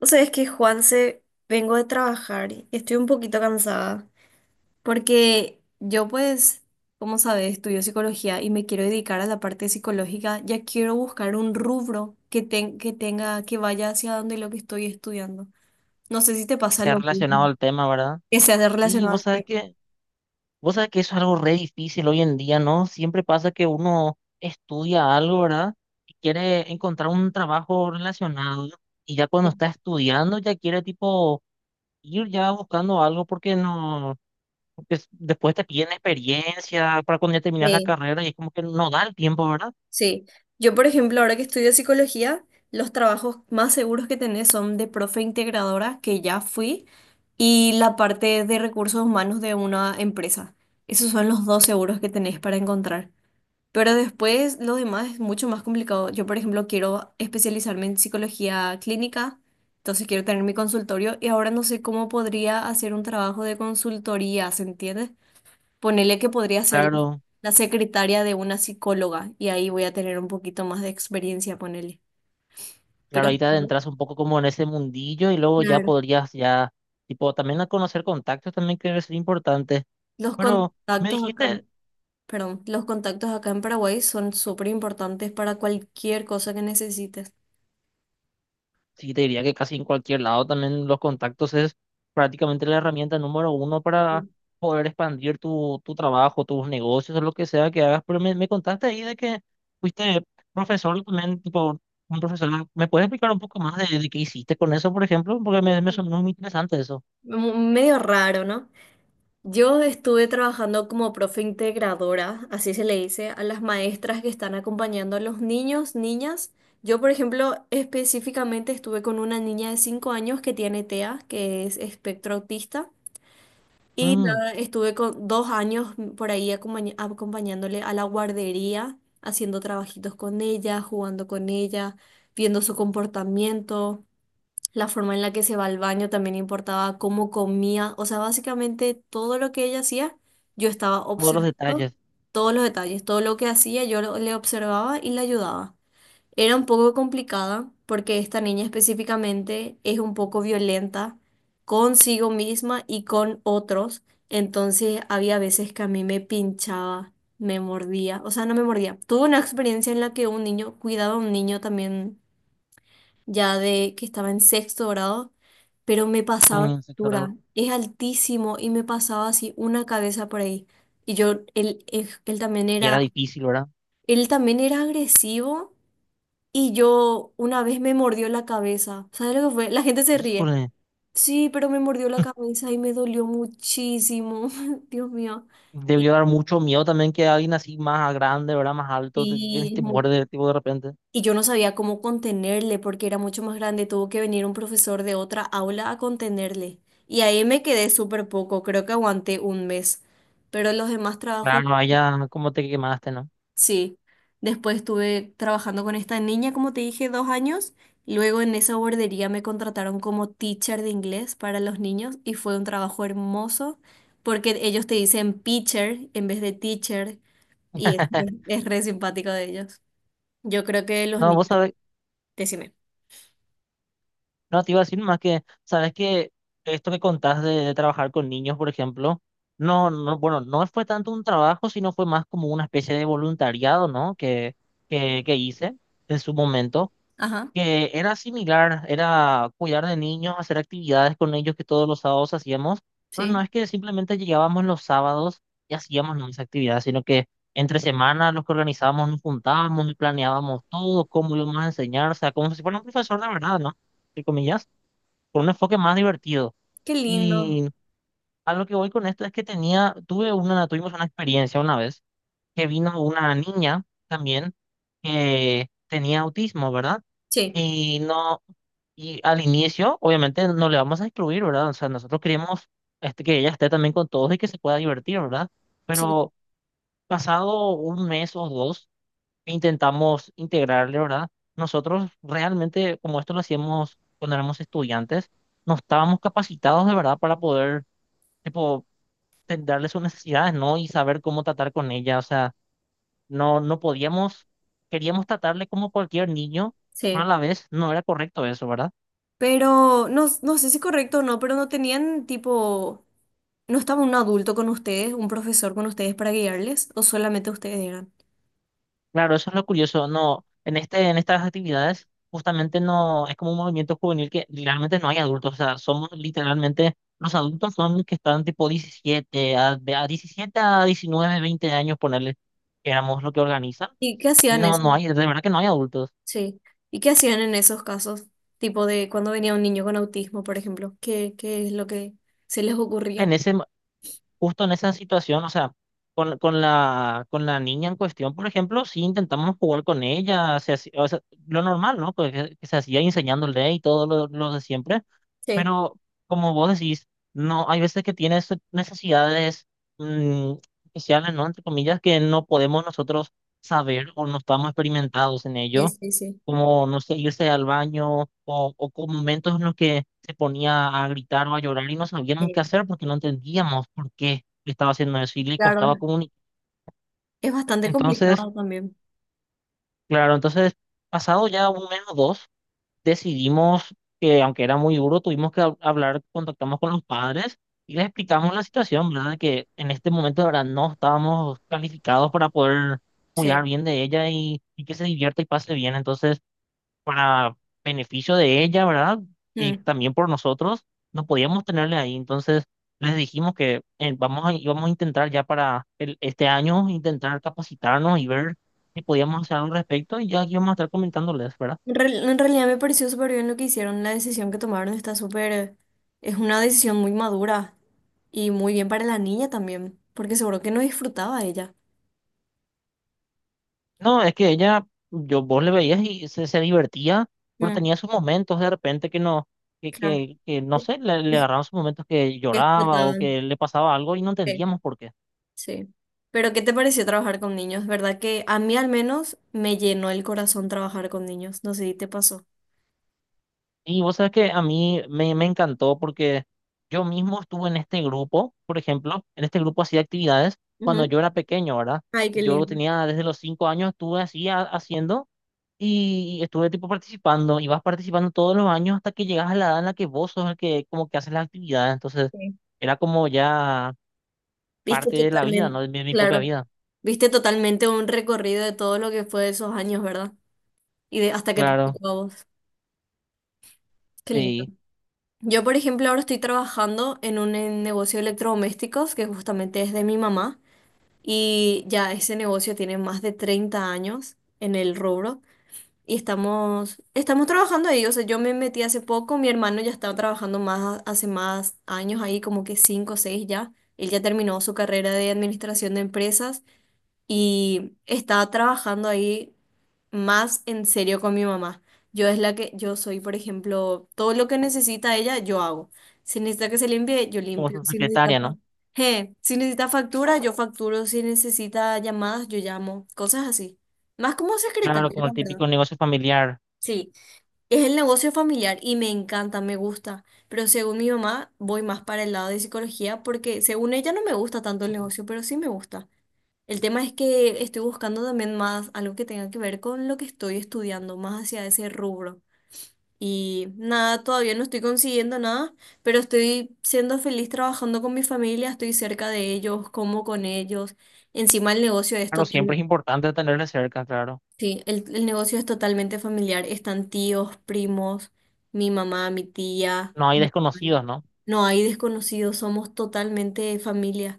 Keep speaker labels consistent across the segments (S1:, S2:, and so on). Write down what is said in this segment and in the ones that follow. S1: Vos sabés que Juanse, vengo de trabajar y estoy un poquito cansada porque yo pues, como sabés, estudio psicología y me quiero dedicar a la parte psicológica. Ya quiero buscar un rubro que tenga, que vaya hacia donde lo que estoy estudiando. No sé si te
S2: Que
S1: pasa
S2: sea
S1: lo
S2: relacionado
S1: mismo,
S2: al tema, ¿verdad?
S1: que sea de
S2: Sí,
S1: relacionado
S2: vos
S1: al
S2: sabes
S1: tema.
S2: que, vos sabes que eso es algo re difícil hoy en día, ¿no? Siempre pasa que uno estudia algo, ¿verdad? Y quiere encontrar un trabajo relacionado y ya cuando está estudiando ya quiere tipo ir ya buscando algo porque no, porque s- después te piden experiencia para cuando ya terminas la
S1: Sí.
S2: carrera y es como que no da el tiempo, ¿verdad?
S1: Sí, yo por ejemplo, ahora que estudio psicología, los trabajos más seguros que tenés son de profe integradora, que ya fui, y la parte de recursos humanos de una empresa. Esos son los dos seguros que tenés para encontrar. Pero después lo demás es mucho más complicado. Yo, por ejemplo, quiero especializarme en psicología clínica, entonces quiero tener mi consultorio y ahora no sé cómo podría hacer un trabajo de consultoría, ¿se entiende? Ponele que podría ser
S2: Claro,
S1: la secretaria de una psicóloga y ahí voy a tener un poquito más de experiencia, ponele. Pero
S2: claro, ahí te adentras un poco como en ese mundillo y luego ya
S1: claro,
S2: podrías ya, tipo, también a conocer contactos también que es importante.
S1: los
S2: Pero me
S1: contactos acá,
S2: dijiste,
S1: en- perdón, los contactos acá en Paraguay son súper importantes para cualquier cosa que necesites.
S2: sí, te diría que casi en cualquier lado también los contactos es prácticamente la herramienta número uno para
S1: Sí.
S2: poder expandir tu trabajo, tus negocios, o lo que sea que hagas. Pero me contaste ahí de que fuiste profesor también, tipo, un profesor. ¿Me puedes explicar un poco más de qué hiciste con eso, por ejemplo? Porque me sonó muy interesante eso.
S1: Medio raro, ¿no? Yo estuve trabajando como profe integradora, así se le dice, a las maestras que están acompañando a los niños, niñas. Yo, por ejemplo, específicamente estuve con una niña de 5 años que tiene TEA, que es espectro autista, y
S2: Mm.
S1: nada, estuve con 2 años por ahí acompañándole a la guardería, haciendo trabajitos con ella, jugando con ella, viendo su comportamiento. La forma en la que se va al baño también importaba, cómo comía, o sea, básicamente todo lo que ella hacía, yo estaba
S2: Todos los
S1: observando
S2: detalles.
S1: todos los detalles, todo lo que hacía, yo le observaba y le ayudaba. Era un poco complicada porque esta niña específicamente es un poco violenta consigo misma y con otros, entonces había veces que a mí me pinchaba, me mordía, o sea, no me mordía. Tuve una experiencia en la que un niño cuidaba a un niño también ya de que estaba en sexto grado, pero me pasaba la
S2: Mm, sí, claro.
S1: altura, es altísimo y me pasaba así una cabeza por ahí. Y yo, él también
S2: Y
S1: era,
S2: era difícil, ¿verdad?
S1: él también era agresivo y yo una vez me mordió la cabeza. ¿Sabes lo que fue? La gente se ríe.
S2: Híjole.
S1: Sí, pero me mordió la cabeza y me dolió muchísimo. Dios mío. Y,
S2: Debió dar mucho miedo también que alguien así más grande, ¿verdad? Más alto, te, vienes y
S1: y es
S2: te
S1: muy.
S2: muerde, tipo, de repente.
S1: Y yo no sabía cómo contenerle porque era mucho más grande. Tuvo que venir un profesor de otra aula a contenerle. Y ahí me quedé súper poco. Creo que aguanté un mes. Pero los demás trabajos,
S2: Claro, allá como te quemaste, ¿no?
S1: sí. Después estuve trabajando con esta niña, como te dije, 2 años. Luego en esa guardería me contrataron como teacher de inglés para los niños y fue un trabajo hermoso porque ellos te dicen pitcher en vez de teacher y es re simpático de ellos. Yo creo que los
S2: No,
S1: niños,
S2: vos sabés,
S1: decime.
S2: no te iba a decir más que, sabes que esto que contás de trabajar con niños, por ejemplo, no, no, bueno, no fue tanto un trabajo, sino fue más como una especie de voluntariado, ¿no? Que hice en su momento.
S1: Ajá.
S2: Que era similar, era cuidar de niños, hacer actividades con ellos que todos los sábados hacíamos, pero no
S1: Sí.
S2: es que simplemente llegábamos los sábados y hacíamos, ¿no?, esa actividad, sino que entre semanas los que organizábamos nos juntábamos y planeábamos todo, cómo íbamos a enseñar, o sea, como si fuera un profesor de verdad, ¿no? Entre comillas, con un enfoque más divertido.
S1: Qué lindo.
S2: Y a lo que voy con esto es que tenía, tuve una, tuvimos una experiencia una vez que vino una niña también que tenía autismo, ¿verdad?
S1: Sí,
S2: Y no, y al inicio, obviamente, no le vamos a excluir, ¿verdad? O sea, nosotros queremos este, que ella esté también con todos y que se pueda divertir, ¿verdad?
S1: sí,
S2: Pero pasado un mes o dos, intentamos integrarle, ¿verdad? Nosotros realmente, como esto lo hacíamos cuando éramos estudiantes, no estábamos capacitados de verdad para poder, tipo, darle sus necesidades, ¿no? Y saber cómo tratar con ella. O sea, no podíamos, queríamos tratarle como cualquier niño, pero a
S1: sí.
S2: la vez no era correcto eso, ¿verdad?
S1: Pero no, no sé si es correcto o no, pero no tenían tipo, ¿no estaba un adulto con ustedes, un profesor con ustedes para guiarles? ¿O solamente ustedes eran?
S2: Claro, eso es lo curioso. No, en este, en estas actividades justamente no es como un movimiento juvenil que realmente no hay adultos. O sea, somos literalmente los adultos son los que están tipo 17 a, de a 17 a 19, 20 años, ponerle que éramos lo que organizan
S1: ¿Y qué
S2: y
S1: hacían
S2: no,
S1: eso?
S2: no hay, de verdad que no hay adultos.
S1: Sí. ¿Y qué hacían en esos casos? Tipo de cuando venía un niño con autismo, por ejemplo. ¿Qué, qué es lo que se les
S2: En
S1: ocurría?
S2: ese, justo en esa situación, o sea, con la niña en cuestión, por ejemplo, sí intentamos jugar con ella, o sea, lo normal, ¿no? Pues que se hacía enseñándole y todo lo de siempre.
S1: Sí,
S2: Pero como vos decís, no, hay veces que tienes necesidades mm, especiales, ¿no? Entre comillas, que no podemos nosotros saber o no estamos experimentados en
S1: sí,
S2: ello,
S1: sí, sí.
S2: como, no sé, irse al baño o con momentos en los que se ponía a gritar o a llorar y no sabíamos
S1: Sí,
S2: qué hacer porque no entendíamos por qué estaba haciendo eso y le
S1: claro,
S2: costaba comunicar.
S1: es bastante
S2: Entonces,
S1: complicado también.
S2: claro, entonces, pasado ya un mes o dos. Decidimos que, aunque era muy duro, tuvimos que hablar, contactamos con los padres y les explicamos la situación, ¿verdad? De que en este momento, de verdad, no estábamos calificados para poder cuidar
S1: Sí.
S2: bien de ella y que se divierta y pase bien. Entonces, para beneficio de ella, ¿verdad? Y
S1: Mm.
S2: también por nosotros, no podíamos tenerle ahí. Entonces, les dijimos que íbamos a intentar ya para este año, intentar capacitarnos y ver si podíamos hacer algo al respecto y ya aquí vamos a estar comentándoles, ¿verdad?
S1: En realidad me pareció súper bien lo que hicieron, la decisión que tomaron está súper, es una decisión muy madura y muy bien para la niña también, porque seguro que no disfrutaba ella.
S2: No, es que ella, yo vos le veías y se divertía, pero
S1: Mm,
S2: tenía sus momentos de repente que no, que,
S1: claro.
S2: que, que no
S1: Que-
S2: sé, le
S1: que
S2: agarraban sus momentos que lloraba o
S1: explotaban.
S2: que le pasaba algo y no
S1: Sí.
S2: entendíamos por qué.
S1: Sí. Pero ¿qué te pareció trabajar con niños? ¿Verdad que a mí al menos me llenó el corazón trabajar con niños? No sé si te pasó.
S2: Y vos sabes que a mí me encantó porque yo mismo estuve en este grupo, por ejemplo, en este grupo hacía actividades cuando
S1: Ujú.
S2: yo era pequeño, ¿verdad?
S1: Ay, qué
S2: Yo
S1: lindo.
S2: tenía desde los 5 años, estuve así haciendo. Y, estuve tipo participando, y vas participando todos los años hasta que llegas a la edad en la que vos sos el que como que haces las actividades. Entonces,
S1: Sí.
S2: era como ya
S1: Viste
S2: parte de la vida,
S1: totalmente,
S2: ¿no? De mi, propia
S1: claro,
S2: vida.
S1: viste totalmente un recorrido de todo lo que fue esos años, ¿verdad? Y de hasta que te
S2: Claro,
S1: tocó a vos. Qué lindo.
S2: sí.
S1: Yo, por ejemplo, ahora estoy trabajando en un negocio de electrodomésticos que justamente es de mi mamá y ya ese negocio tiene más de 30 años en el rubro y estamos trabajando ahí. O sea, yo me metí hace poco, mi hermano ya estaba trabajando más, hace más años ahí, como que 5 o 6 ya. Él ya terminó su carrera de administración de empresas y está trabajando ahí más en serio con mi mamá. Yo es la que, yo soy, por ejemplo, todo lo que necesita ella, yo hago. Si necesita que se limpie, yo
S2: Como
S1: limpio.
S2: su
S1: Si necesita,
S2: secretaria, ¿no?
S1: si necesita factura, yo facturo. Si necesita llamadas, yo llamo. Cosas así. Más como secretaria,
S2: Claro, como
S1: la
S2: el
S1: verdad.
S2: típico negocio familiar.
S1: Sí, es el negocio familiar y me encanta, me gusta. Pero según mi mamá, voy más para el lado de psicología porque según ella no me gusta tanto el negocio, pero sí me gusta. El tema es que estoy buscando también más algo que tenga que ver con lo que estoy estudiando, más hacia ese rubro. Y nada, todavía no estoy consiguiendo nada, pero estoy siendo feliz trabajando con mi familia, estoy cerca de ellos, como con ellos. Encima el negocio es
S2: Claro, siempre
S1: total,
S2: es importante tenerle cerca, claro.
S1: sí, el negocio es totalmente familiar. Están tíos, primos, mi mamá, mi tía,
S2: No hay
S1: mi hermano.
S2: desconocidos, ¿no?
S1: No hay desconocidos, somos totalmente familia.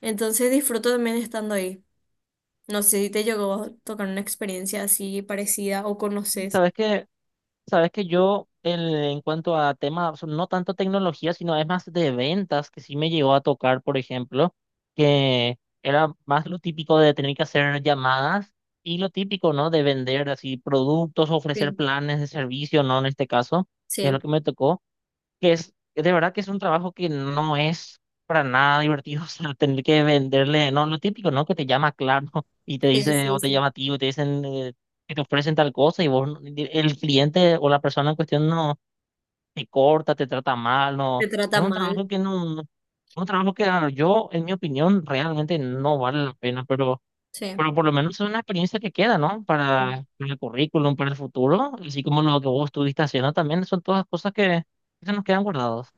S1: Entonces disfruto también estando ahí. No sé si te llegó a tocar una experiencia así parecida o
S2: Y
S1: conoces.
S2: sabes que Sabes que en cuanto a temas, o sea, no tanto tecnología, sino es más de ventas, que sí me llegó a tocar, por ejemplo, que era más lo típico de tener que hacer llamadas y lo típico, ¿no? De vender así productos, ofrecer
S1: Sí,
S2: planes de servicio, ¿no? En este caso, que es lo
S1: sí,
S2: que me tocó que es, de verdad que es un trabajo que no es para nada divertido, o sea, tener que venderle, no, lo típico, ¿no? Que te llama Claro y te
S1: sí,
S2: dice,
S1: sí,
S2: o te
S1: sí.
S2: llama tío, y te dicen que te ofrecen tal cosa y vos, no- el cliente o la persona en cuestión no te corta, te trata mal,
S1: Te
S2: no,
S1: trata
S2: es un
S1: mal.
S2: trabajo que no, no, un trabajo que ah, yo, en mi opinión, realmente no vale la pena, pero...
S1: Sí.
S2: Pero por lo menos es una experiencia que queda, ¿no? Para el currículum, para el futuro, así como lo que vos estuviste haciendo también, son todas cosas que se nos quedan guardados.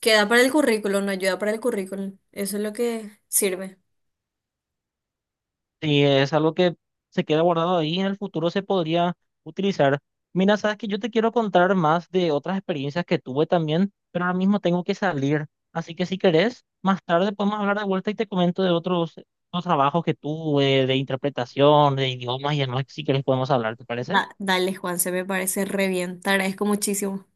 S1: Queda para el currículum, no ayuda para el currículum. Eso es lo que sirve.
S2: Sí, es algo que se queda guardado ahí y en el futuro se podría utilizar. Mira, sabes que yo te quiero contar más de otras experiencias que tuve también, pero ahora mismo tengo que salir. Así que si querés, más tarde podemos hablar de vuelta y te comento de otros, otros trabajos que tuve, de interpretación, de idiomas y demás, que si querés podemos hablar, ¿te parece?
S1: Dale, Juan, se me parece re bien. Te agradezco muchísimo.